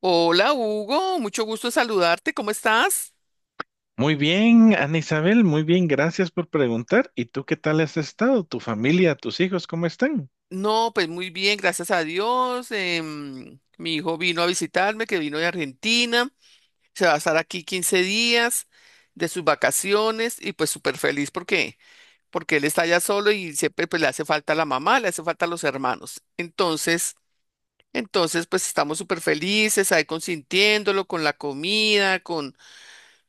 Hola Hugo, mucho gusto en saludarte, ¿cómo estás? Muy bien, Ana Isabel, muy bien, gracias por preguntar. ¿Y tú qué tal has estado? ¿Tu familia, tus hijos, cómo están? No, pues muy bien, gracias a Dios. Mi hijo vino a visitarme, que vino de Argentina, se va a estar aquí 15 días de sus vacaciones y pues súper feliz porque él está allá solo y siempre pues le hace falta la mamá, le hace falta los hermanos. Entonces, pues estamos súper felices ahí consintiéndolo con la comida, con,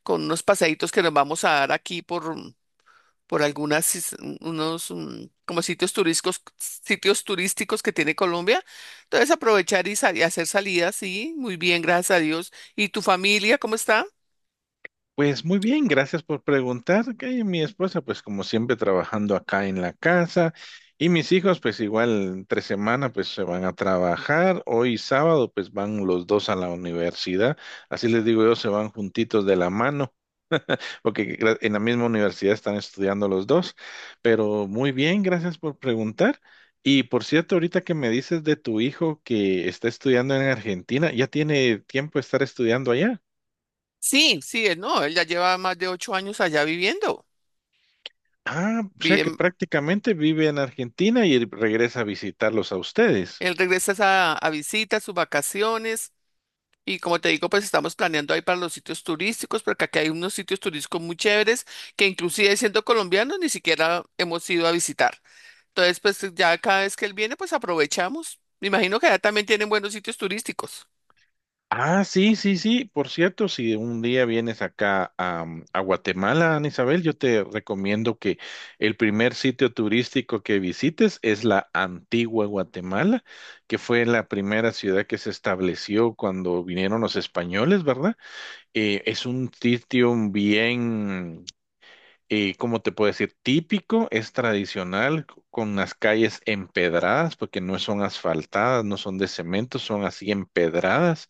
con unos paseitos que nos vamos a dar aquí por unos como sitios turísticos que tiene Colombia. Entonces aprovechar y hacer salidas, sí, muy bien, gracias a Dios. ¿Y tu familia cómo está? Pues muy bien, gracias por preguntar. Que mi esposa, pues como siempre, trabajando acá en la casa. Y mis hijos, pues igual, tres semana, pues se van a trabajar. Hoy sábado, pues van los dos a la universidad. Así les digo yo, se van juntitos de la mano. Porque en la misma universidad están estudiando los dos. Pero muy bien, gracias por preguntar. Y por cierto, ahorita que me dices de tu hijo que está estudiando en Argentina, ¿ya tiene tiempo de estar estudiando allá? Sí, sí, él no, él ya lleva más de 8 años allá viviendo. Ah, o sea que Bien, prácticamente vive en Argentina y regresa a visitarlos a ustedes. él regresa es a visitas, sus vacaciones. Y como te digo, pues estamos planeando ahí para los sitios turísticos, porque aquí hay unos sitios turísticos muy chéveres que inclusive siendo colombianos ni siquiera hemos ido a visitar. Entonces, pues ya cada vez que él viene, pues aprovechamos. Me imagino que allá también tienen buenos sitios turísticos. Ah, sí, sí, sí. Por cierto, si un día vienes acá a Guatemala, Ana Isabel, yo te recomiendo que el primer sitio turístico que visites es la antigua Guatemala, que fue la primera ciudad que se estableció cuando vinieron los españoles, ¿verdad? Es un sitio bien, ¿cómo te puedo decir? Típico, es tradicional, con las calles empedradas, porque no son asfaltadas, no son de cemento, son así empedradas.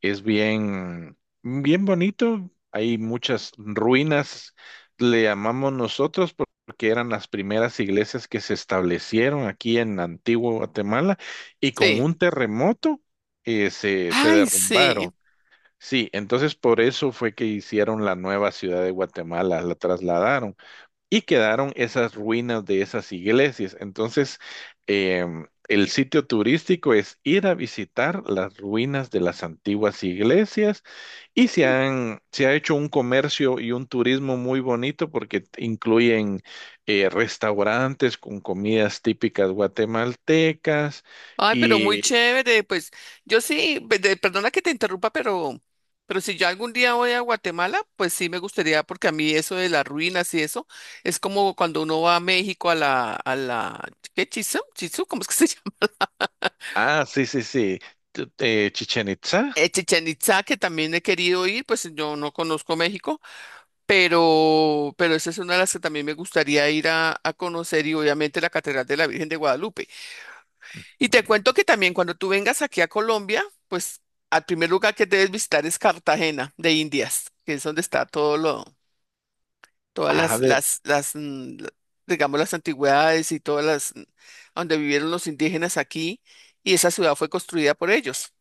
Es bien, bien bonito. Hay muchas ruinas, le llamamos nosotros, porque eran las primeras iglesias que se establecieron aquí en Antigua Guatemala y con Sí. un terremoto se Ay, derrumbaron. sí. Sí, entonces por eso fue que hicieron la nueva ciudad de Guatemala, la trasladaron y quedaron esas ruinas de esas iglesias. Entonces, el sitio turístico es ir a visitar las ruinas de las antiguas iglesias y se ha hecho un comercio y un turismo muy bonito porque incluyen restaurantes con comidas típicas guatemaltecas Ay, pero muy y, chévere. Pues yo sí, perdona que te interrumpa, pero si yo algún día voy a Guatemala, pues sí me gustaría, porque a mí eso de las ruinas y eso, es como cuando uno va a México a la, ¿qué? Chizú, Chizú, ¿cómo es que se llama? ah, sí, sí, sí, Chichén Itzá. Chichén Itzá, que también he querido ir, pues yo no conozco México. Pero esa es una de las que también me gustaría ir a conocer y obviamente la Catedral de la Virgen de Guadalupe. Y te cuento que también cuando tú vengas aquí a Colombia, pues al primer lugar que debes visitar es Cartagena de Indias, que es donde está todas las, Ah, de- las, las, mm, la- digamos, las antigüedades y todas las, donde vivieron los indígenas aquí, y esa ciudad fue construida por ellos.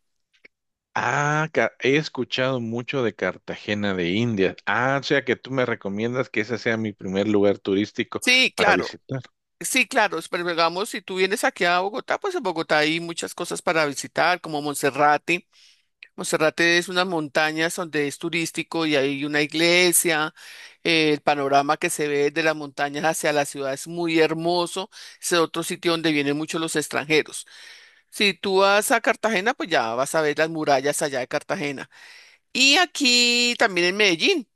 Ah, he escuchado mucho de Cartagena de Indias. Ah, o sea que tú me recomiendas que ese sea mi primer lugar turístico Sí, para claro. visitar. Sí, claro, pero digamos, si tú vienes aquí a Bogotá, pues en Bogotá hay muchas cosas para visitar, como Monserrate. Monserrate es unas montañas donde es turístico y hay una iglesia. El panorama que se ve de las montañas hacia la ciudad es muy hermoso. Es otro sitio donde vienen muchos los extranjeros. Si tú vas a Cartagena, pues ya vas a ver las murallas allá de Cartagena. Y aquí también en Medellín.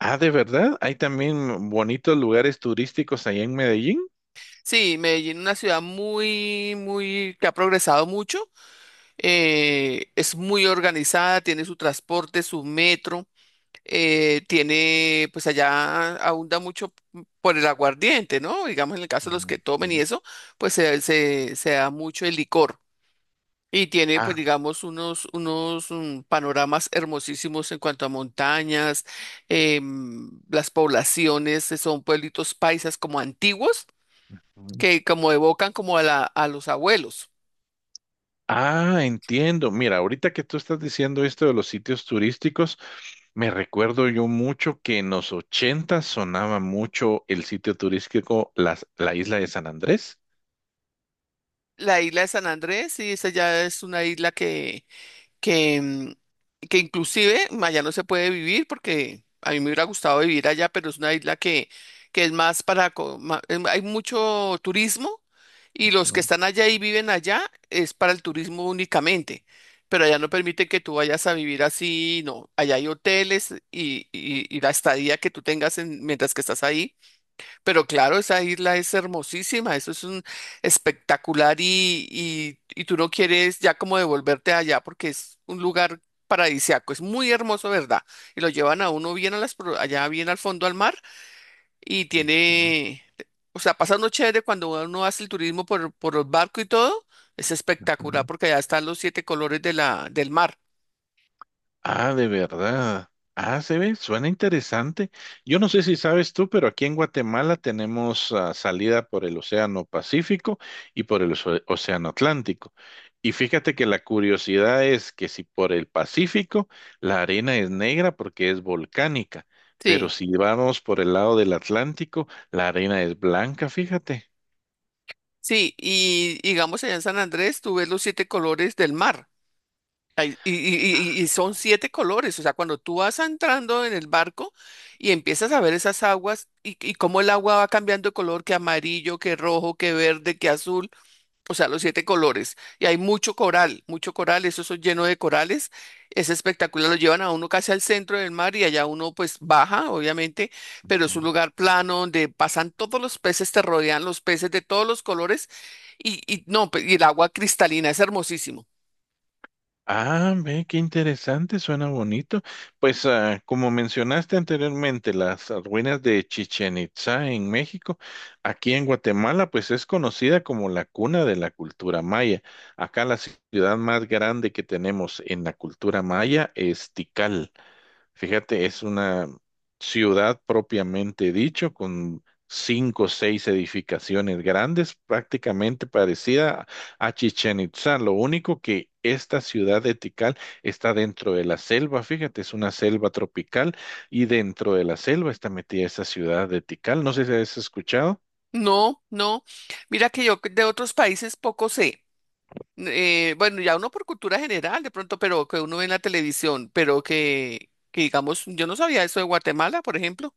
Ah, ¿de verdad? ¿Hay también bonitos lugares turísticos allá en Medellín? Sí, Medellín, una ciudad muy, muy, que ha progresado mucho. Es muy organizada, tiene su transporte, su metro. Tiene, pues allá abunda mucho por el aguardiente, ¿no? Digamos, en el caso de los que tomen y Ujú. eso, pues se da mucho el licor. Y tiene, pues, Ah, digamos, unos panoramas hermosísimos en cuanto a montañas, las poblaciones, son pueblitos paisas como antiguos, ujú. que como evocan como a la, a los abuelos. Ah, entiendo. Mira, ahorita que tú estás diciendo esto de los sitios turísticos, me recuerdo yo mucho que en los 80 sonaba mucho el sitio turístico la isla de San Andrés. La isla de San Andrés, sí, esa ya es una isla que, mm, que inclusive allá no se puede vivir porque a mí me hubiera gustado vivir allá, pero es una isla que es más para... co- ma- em, Hay mucho turismo y los que Ujú, están allá y viven allá es para el turismo únicamente, pero allá no permite que tú vayas a vivir así, no, allá hay hoteles y la estadía que tú tengas mientras que estás ahí. Pero claro, esa isla es hermosísima, eso es un espectacular y tú no quieres ya como devolverte allá porque es un lugar paradisiaco, es muy hermoso, ¿verdad? Y lo llevan a uno bien a allá bien al fondo al mar y ujú, tiene, o sea, pasa uno chévere cuando uno hace el turismo por el barco y todo. Es espectacular ujú. porque allá están los siete colores de la, del mar. Ah, de verdad. Ah, se ve, suena interesante. Yo no sé si sabes tú, pero aquí en Guatemala tenemos, salida por el Océano Pacífico y por el Océano Atlántico. Y fíjate que la curiosidad es que si por el Pacífico la arena es negra porque es volcánica, pero Sí. si vamos por el lado del Atlántico, la arena es blanca, fíjate. Sí, y digamos allá en San Andrés tú ves los siete colores del mar. Ay, y son siete colores, o sea, cuando tú vas entrando en el barco y empiezas a ver esas aguas y cómo el agua va cambiando de color, que amarillo, que rojo, que verde, que azul, o sea, los siete colores. Y hay mucho coral, eso es lleno de corales, es espectacular, lo llevan a uno casi al centro del mar y allá uno pues baja, obviamente, pero es un lugar plano donde pasan todos los peces, te rodean los peces de todos los colores y no, y el agua cristalina, es hermosísimo. Ah, ve, qué interesante, suena bonito. Pues, como mencionaste anteriormente, las ruinas de Chichén Itzá en México, aquí en Guatemala, pues es conocida como la cuna de la cultura maya. Acá la ciudad más grande que tenemos en la cultura maya es Tikal. Fíjate, es una ciudad propiamente dicho, con cinco o seis edificaciones grandes, prácticamente parecida a Chichen Itzá. Lo único que esta ciudad de Tikal está dentro de la selva, fíjate, es una selva tropical y dentro de la selva está metida esa ciudad de Tikal. No sé si has escuchado. No, no. Mira que yo de otros países poco sé. Bueno, ya uno por cultura general de pronto, pero que uno ve en la televisión, pero que digamos, yo no sabía eso de Guatemala, por ejemplo.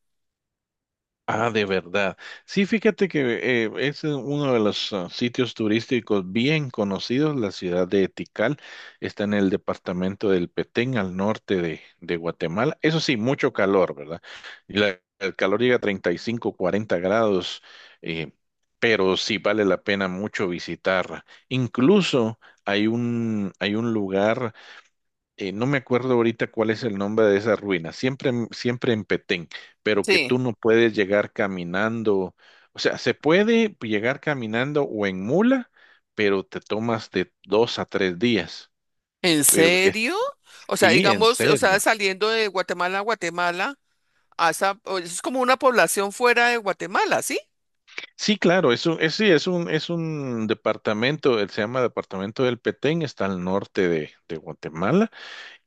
Ah, de verdad. Sí, fíjate que es uno de los, sitios turísticos bien conocidos, la ciudad de Tikal. Está en el departamento del Petén, al norte de Guatemala. Eso sí, mucho calor, ¿verdad? Y el calor llega a 35, 40 grados, eh, pero sí vale la pena mucho visitarla. Incluso hay un lugar, no me acuerdo ahorita cuál es el nombre de esa ruina, siempre, siempre en Petén, pero que Sí. tú no puedes llegar caminando, o sea, se puede llegar caminando o en mula, pero te tomas de 2 a 3 días. ¿En Pero es- serio? O sea, sí, en digamos, o sea, serio. saliendo de Guatemala a Guatemala. A esa, es como una población fuera de Guatemala, ¿sí? Sí, claro, es un, es, sí, es un departamento, él se llama Departamento del Petén, está al norte de Guatemala.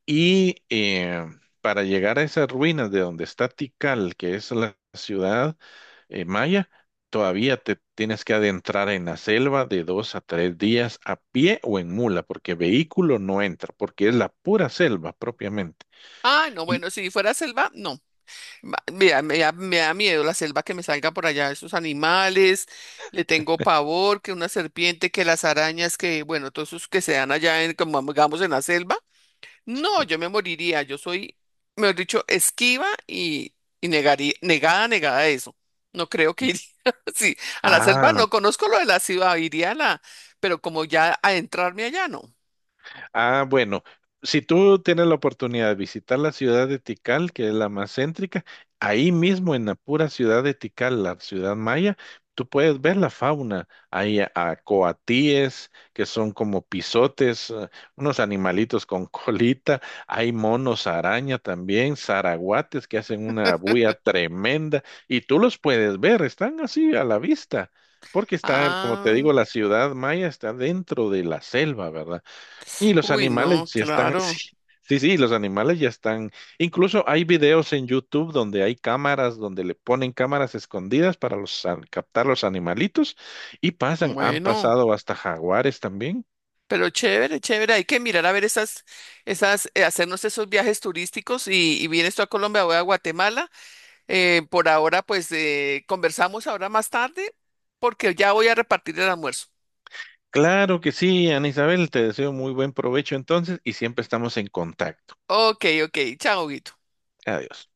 Y eh, para llegar a esas ruinas de donde está Tikal, que es la ciudad maya, todavía te tienes que adentrar en la selva de 2 a 3 días a pie o en mula, porque vehículo no entra, porque es la pura selva propiamente. Ah, no, Y- bueno, si fuera selva, no. Me da miedo la selva que me salga por allá, esos animales, le tengo pavor, que una serpiente, que las arañas, que bueno, todos esos que se dan allá en, como digamos, en la selva. No, Sí. yo me moriría. Yo soy, mejor dicho, esquiva y negaría, negada, negada a eso. No creo que iría. Sí, a la selva Ah, no conozco lo de la ciudad, iría a la, pero como ya a adentrarme allá no. ah, bueno, si tú tienes la oportunidad de visitar la ciudad de Tikal, que es la más céntrica, ahí mismo en la pura ciudad de Tikal, la ciudad maya, tú puedes ver la fauna. Hay a coatíes, que son como pisotes, unos animalitos con colita, hay monos araña también, zaraguates que hacen una bulla tremenda, y tú los puedes ver, están así a la vista. Porque está, como te Ah, digo, la ciudad maya está dentro de la selva, ¿verdad? Y los uy, no, animales ya están, claro. sí, sí, sí, los animales ya están. Incluso hay videos en YouTube donde hay cámaras, donde le ponen cámaras escondidas para los, captar los animalitos y pasan, han Bueno, pasado hasta jaguares también. pero chévere, chévere. Hay que mirar a ver esas, hacernos esos viajes turísticos y vienes tú a Colombia, voy a Guatemala. Por ahora, pues conversamos ahora más tarde porque ya voy a repartir el almuerzo. Claro que sí, Ana Isabel, te deseo muy buen provecho entonces y siempre estamos en contacto. Ok, ok. Chao, Guito. Adiós.